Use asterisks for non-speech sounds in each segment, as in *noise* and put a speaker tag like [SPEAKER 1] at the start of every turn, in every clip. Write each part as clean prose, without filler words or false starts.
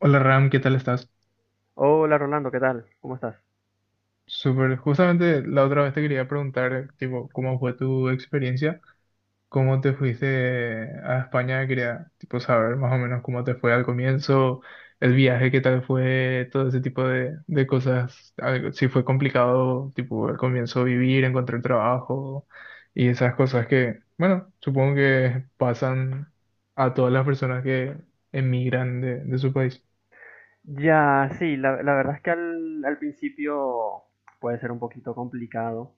[SPEAKER 1] Hola Ram, ¿qué tal estás?
[SPEAKER 2] Hola Rolando, ¿qué tal? ¿Cómo estás?
[SPEAKER 1] Súper, justamente la otra vez te quería preguntar, tipo, ¿cómo fue tu experiencia? ¿Cómo te fuiste a España? Quería, tipo, saber más o menos cómo te fue al comienzo, el viaje, qué tal fue, todo ese tipo de cosas. Si fue complicado, tipo, al comienzo vivir, encontrar trabajo y esas cosas que, bueno, supongo que pasan a todas las personas que emigran de su país.
[SPEAKER 2] Ya, sí, la verdad es que al principio puede ser un poquito complicado,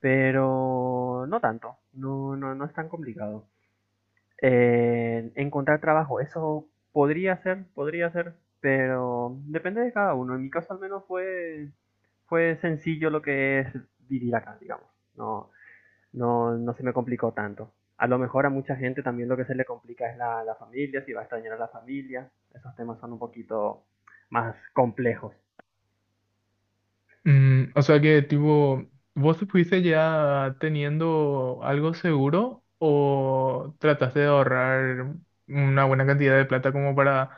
[SPEAKER 2] pero no tanto, no, no es tan complicado. Encontrar trabajo, eso podría ser, pero depende de cada uno. En mi caso al menos fue sencillo lo que es vivir acá, digamos. No, no se me complicó tanto. A lo mejor a mucha gente también lo que se le complica es la familia, si va a extrañar a la familia. Esos temas son un poquito más complejos.
[SPEAKER 1] O sea que tipo, ¿vos fuiste ya teniendo algo seguro o trataste de ahorrar una buena cantidad de plata como para,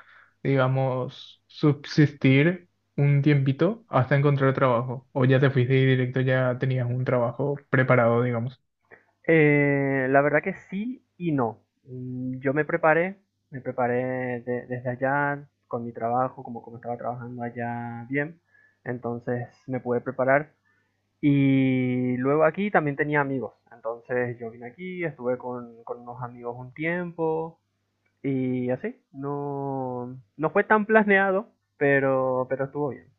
[SPEAKER 1] digamos, subsistir un tiempito hasta encontrar trabajo? ¿O ya te fuiste y directo ya tenías un trabajo preparado, digamos?
[SPEAKER 2] La verdad que sí y no. Mm, yo me preparé desde allá con mi trabajo, como estaba trabajando allá bien. Entonces me pude preparar. Y luego aquí también tenía amigos. Entonces yo vine aquí, estuve con unos amigos un tiempo. Y así, no, no fue tan planeado, pero estuvo bien.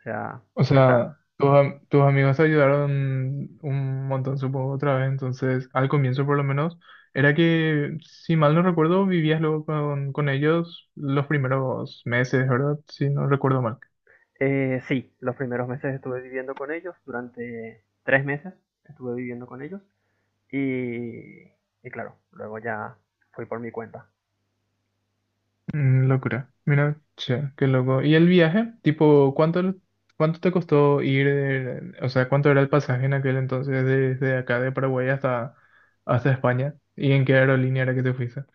[SPEAKER 2] O sea,
[SPEAKER 1] O
[SPEAKER 2] está.
[SPEAKER 1] sea, tus amigos te ayudaron un montón, supongo, otra vez. Entonces, al comienzo por lo menos, era que, si mal no recuerdo, vivías luego con ellos los primeros meses, ¿verdad? Si no recuerdo mal.
[SPEAKER 2] Sí, los primeros meses estuve viviendo con ellos, durante 3 meses estuve viviendo con ellos. Y, y claro, luego ya fui por mi cuenta.
[SPEAKER 1] Locura. Mira, che, qué loco. ¿Y el viaje? Tipo, ¿cuánto, cuánto te costó ir? O sea, ¿cuánto era el pasaje en aquel entonces desde acá de Paraguay hasta España? ¿Y en qué aerolínea era que te fuiste?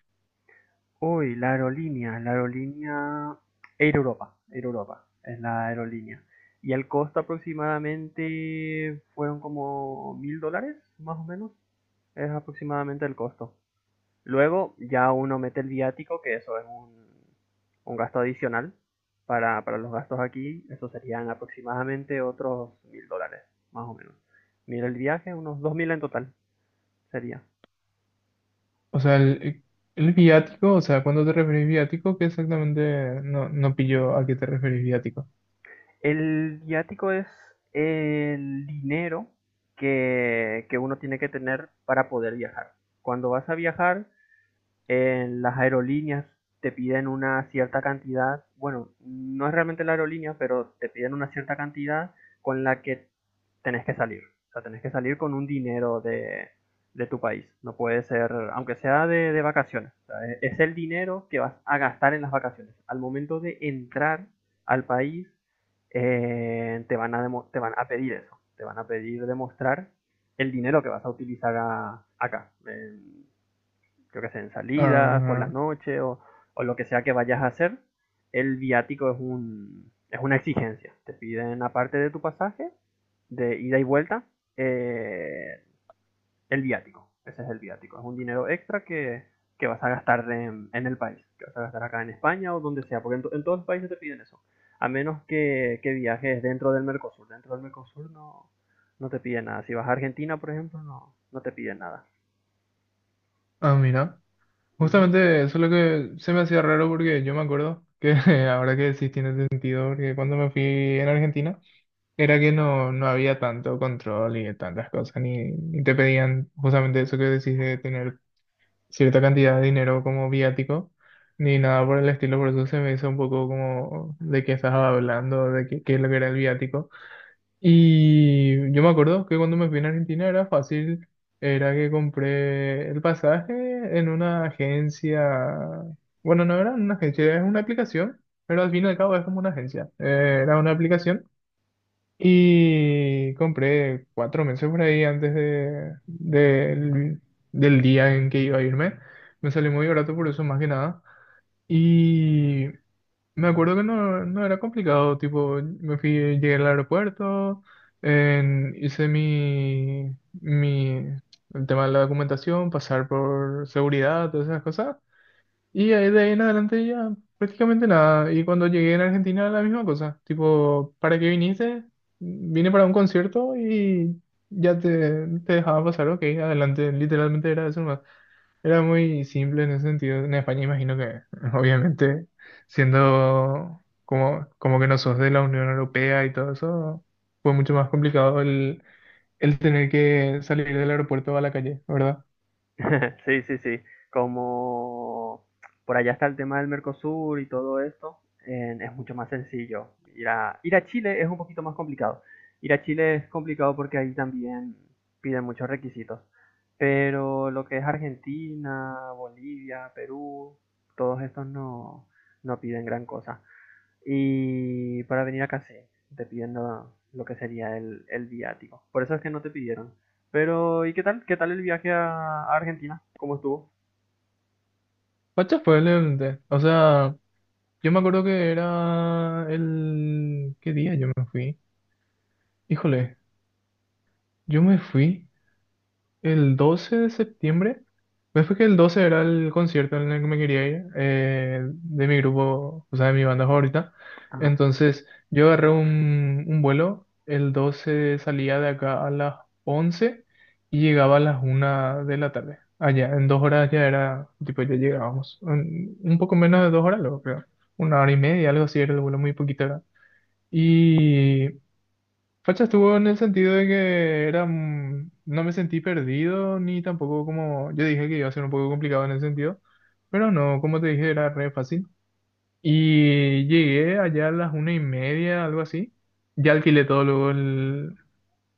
[SPEAKER 2] Uy, la aerolínea Air Europa, Air Europa es la aerolínea. Y el costo aproximadamente fueron como $1000, más o menos. Es aproximadamente el costo. Luego ya uno mete el viático, que eso es un gasto adicional para los gastos aquí. Eso serían aproximadamente otros $1000, más o menos. Mira el viaje, unos 2000 en total sería.
[SPEAKER 1] O sea, el viático, o sea, cuando te referís viático, ¿qué exactamente no pillo a qué te referís viático?
[SPEAKER 2] El viático es el dinero que uno tiene que tener para poder viajar. Cuando vas a viajar, en las aerolíneas te piden una cierta cantidad, bueno, no es realmente la aerolínea, pero te piden una cierta cantidad con la que tenés que salir. O sea, tenés que salir con un dinero de tu país. No puede ser, aunque sea de vacaciones. O sea, es el dinero que vas a gastar en las vacaciones. Al momento de entrar al país, van a te van a pedir eso. Te van a pedir demostrar el dinero que vas a utilizar acá. Creo que sea en salidas, por la
[SPEAKER 1] Ah,
[SPEAKER 2] noche o lo que sea que vayas a hacer, el viático es, es una exigencia. Te piden, aparte de tu pasaje, de ida y vuelta, eh, el viático. Ese es el viático. Es un dinero extra que vas a gastar en el país, que vas a gastar acá en España o donde sea, porque en todos los países te piden eso. A menos que viajes dentro del Mercosur. Dentro del Mercosur no, no te piden nada. Si vas a Argentina, por ejemplo, no, no te piden nada.
[SPEAKER 1] ah, mira.
[SPEAKER 2] Uh -huh.
[SPEAKER 1] Justamente eso es lo que se me hacía raro porque yo me acuerdo que *laughs* ahora que sí tiene sentido, porque cuando me fui en Argentina era que no había tanto control y tantas cosas, ni te pedían justamente eso que decís de tener cierta cantidad de dinero como viático ni nada por el estilo, por eso se me hizo un poco como de qué estás hablando, de qué es lo que era el viático. Y yo me acuerdo que cuando me fui a Argentina era fácil, era que compré el pasaje en una agencia, bueno, no era una agencia, era una aplicación, pero al fin y al cabo es como una agencia. Era una aplicación y compré 4 meses por ahí antes de, del del día en que iba a irme, me salió muy barato por eso más que nada. Y me acuerdo que no era complicado, tipo, me fui, llegué al aeropuerto, hice mi el tema de la documentación, pasar por seguridad, todas esas cosas, y ahí de ahí en adelante ya prácticamente nada. Y cuando llegué en Argentina, la misma cosa, tipo, ¿para qué viniste? Vine para un concierto y ya te dejaba pasar, ok, adelante, literalmente era eso más. Era muy simple en ese sentido. En España imagino que, *laughs* obviamente, siendo como que no sos de la Unión Europea y todo eso, fue mucho más complicado el tener que salir del aeropuerto a la calle, ¿verdad?
[SPEAKER 2] *laughs* Sí, sí, sí. Como por allá está el tema del Mercosur y todo esto, es mucho más sencillo. Ir a, ir a Chile es un poquito más complicado. Ir a Chile es complicado porque ahí también piden muchos requisitos. Pero lo que es Argentina, Bolivia, Perú, todos estos no, no piden gran cosa. Y para venir a Casé te pidiendo lo, que sería el viático. Por eso es que no te pidieron. Pero, ¿y qué tal? ¿Qué tal el viaje a Argentina? ¿Cómo estuvo?
[SPEAKER 1] Pacha fue el evento. O sea, yo me acuerdo que era ¿qué día yo me fui? Híjole, yo me fui. El 12 de septiembre, pues fue que el 12 era el concierto en el que me quería ir, de mi grupo, o sea, de mi banda favorita.
[SPEAKER 2] Ajá.
[SPEAKER 1] Entonces, yo agarré un vuelo, el 12 salía de acá a las 11 y llegaba a las 1 de la tarde. Allá, en 2 horas ya era, tipo, ya llegábamos. Un poco menos de 2 horas, luego creo. Una hora y media, algo así, era el vuelo muy poquito acá. Y Facha estuvo en el sentido de que era, no me sentí perdido ni tampoco como, yo dije que iba a ser un poco complicado en ese sentido, pero no, como te dije, era re fácil. Y llegué allá a las 1 y media, algo así. Ya alquilé todo luego el,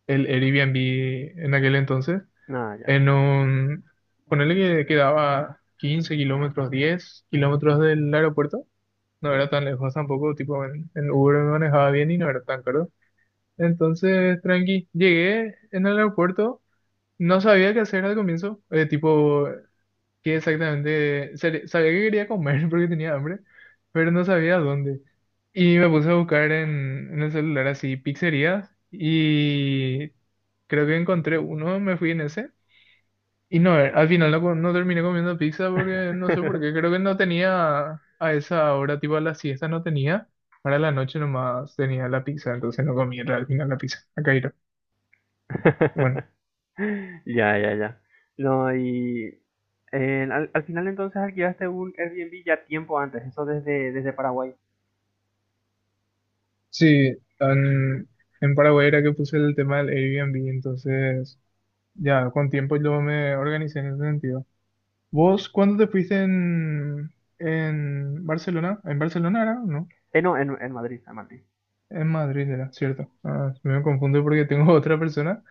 [SPEAKER 1] el Airbnb en aquel entonces,
[SPEAKER 2] Nada, ah, ya.
[SPEAKER 1] en un, ponele que quedaba 15 kilómetros, 10 kilómetros del aeropuerto. No
[SPEAKER 2] Sí.
[SPEAKER 1] era tan lejos tampoco, tipo en Uber me manejaba bien y no era tan caro. Entonces, tranqui, llegué en el aeropuerto, no sabía qué hacer al comienzo, tipo, qué exactamente, sabía que quería comer *laughs* porque tenía hambre, pero no sabía dónde. Y me puse a buscar en el celular así pizzerías y creo que encontré uno, me fui en ese. Y no, al final no terminé comiendo pizza porque no sé por qué, creo que no tenía a esa hora, tipo a la siesta no tenía, para la noche nomás tenía la pizza, entonces no comí al final la pizza, a Cairo. Bueno,
[SPEAKER 2] *laughs* Ya, ya, ya. No, y al final entonces alquilaste un Airbnb ya tiempo antes, eso desde, desde Paraguay.
[SPEAKER 1] sí, en Paraguay era que puse el tema del Airbnb, entonces ya con tiempo yo me organicé en ese sentido. ¿Vos cuándo te fuiste en Barcelona? ¿En Barcelona era? No,
[SPEAKER 2] No, en Madrid, en Madrid.
[SPEAKER 1] en Madrid era, cierto. Ah, me confundo porque tengo *laughs* otra persona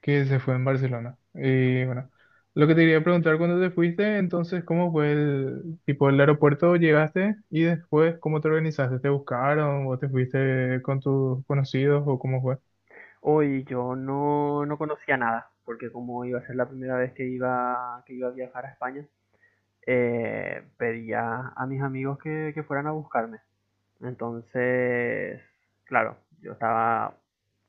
[SPEAKER 1] que se fue en Barcelona. Y bueno, lo que te quería preguntar, ¿cuándo te fuiste? Entonces, ¿cómo fue el tipo el aeropuerto? ¿Llegaste? Y después, ¿cómo te organizaste? ¿Te buscaron? ¿O te fuiste con tus conocidos o cómo fue?
[SPEAKER 2] Hoy yo no, no conocía nada, porque como iba a ser la primera vez que iba a viajar a España, pedía a mis amigos que fueran a buscarme. Entonces, claro, yo estaba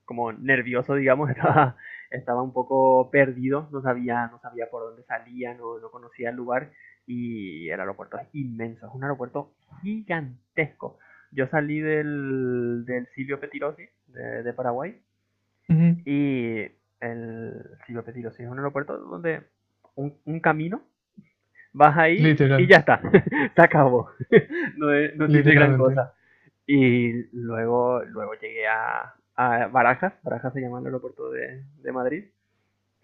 [SPEAKER 2] como nervioso, digamos, *laughs* estaba un poco perdido, no sabía por dónde salía, no, no conocía el lugar y el aeropuerto es inmenso, es un aeropuerto gigantesco. Yo salí del Silvio Petirosi de Paraguay
[SPEAKER 1] Ujú.
[SPEAKER 2] y el Silvio Petirosi es un aeropuerto donde un camino vas ahí y
[SPEAKER 1] Literal,
[SPEAKER 2] ya está, *laughs* se acabó, *laughs* no, no tiene gran
[SPEAKER 1] literalmente.
[SPEAKER 2] cosa. Y luego llegué a Barajas, Barajas se llama el aeropuerto de Madrid,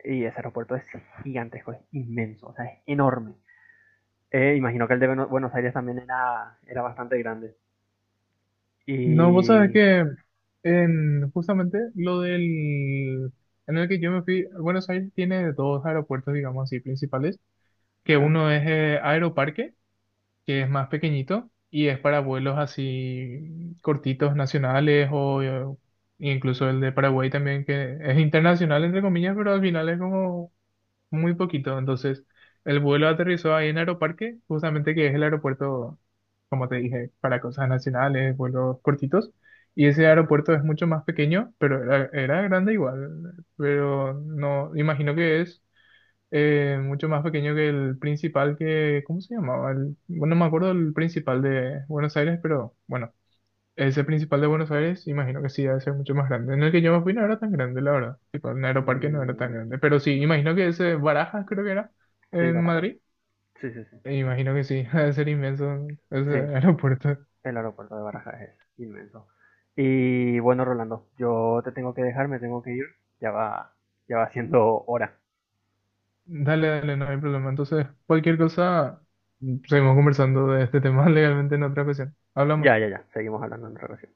[SPEAKER 2] y ese aeropuerto es gigantesco, es inmenso, o sea, es enorme. Imagino que el de Buenos Aires también era bastante grande.
[SPEAKER 1] No, vos sabés
[SPEAKER 2] Y...
[SPEAKER 1] que en justamente lo del, en el que yo me fui, Buenos Aires tiene dos aeropuertos, digamos así, principales, que
[SPEAKER 2] ¿Ya?
[SPEAKER 1] uno es Aeroparque, que es más pequeñito y es para vuelos así cortitos nacionales o incluso el de Paraguay también que es internacional entre comillas, pero al final es como muy poquito. Entonces, el vuelo aterrizó ahí en Aeroparque, justamente que es el aeropuerto, como te dije, para cosas nacionales, vuelos cortitos. Y ese aeropuerto es mucho más pequeño, pero era grande igual. Pero no, imagino que es mucho más pequeño que el principal que, ¿cómo se llamaba? Bueno, no me acuerdo el principal de Buenos Aires, pero bueno, ese principal de Buenos Aires, imagino que sí, debe ser mucho más grande. En el que yo me fui no era tan grande, la verdad. Tipo, en Aeroparque no era tan
[SPEAKER 2] Mm,
[SPEAKER 1] grande. Pero sí, imagino que ese Barajas, creo que era,
[SPEAKER 2] sí,
[SPEAKER 1] en
[SPEAKER 2] Barajas,
[SPEAKER 1] Madrid.
[SPEAKER 2] sí, sí, sí.
[SPEAKER 1] E imagino que sí, *laughs* debe ser inmenso ese
[SPEAKER 2] Sí,
[SPEAKER 1] aeropuerto.
[SPEAKER 2] el aeropuerto de Barajas es inmenso. Y bueno, Rolando, yo te tengo que dejar, me tengo que ir. Ya va, ya va siendo hora.
[SPEAKER 1] Dale, dale, no hay problema. Entonces, cualquier cosa, seguimos conversando de este tema *laughs* legalmente en otra ocasión. Hablamos.
[SPEAKER 2] Ya, ya, ya. Seguimos hablando en relación.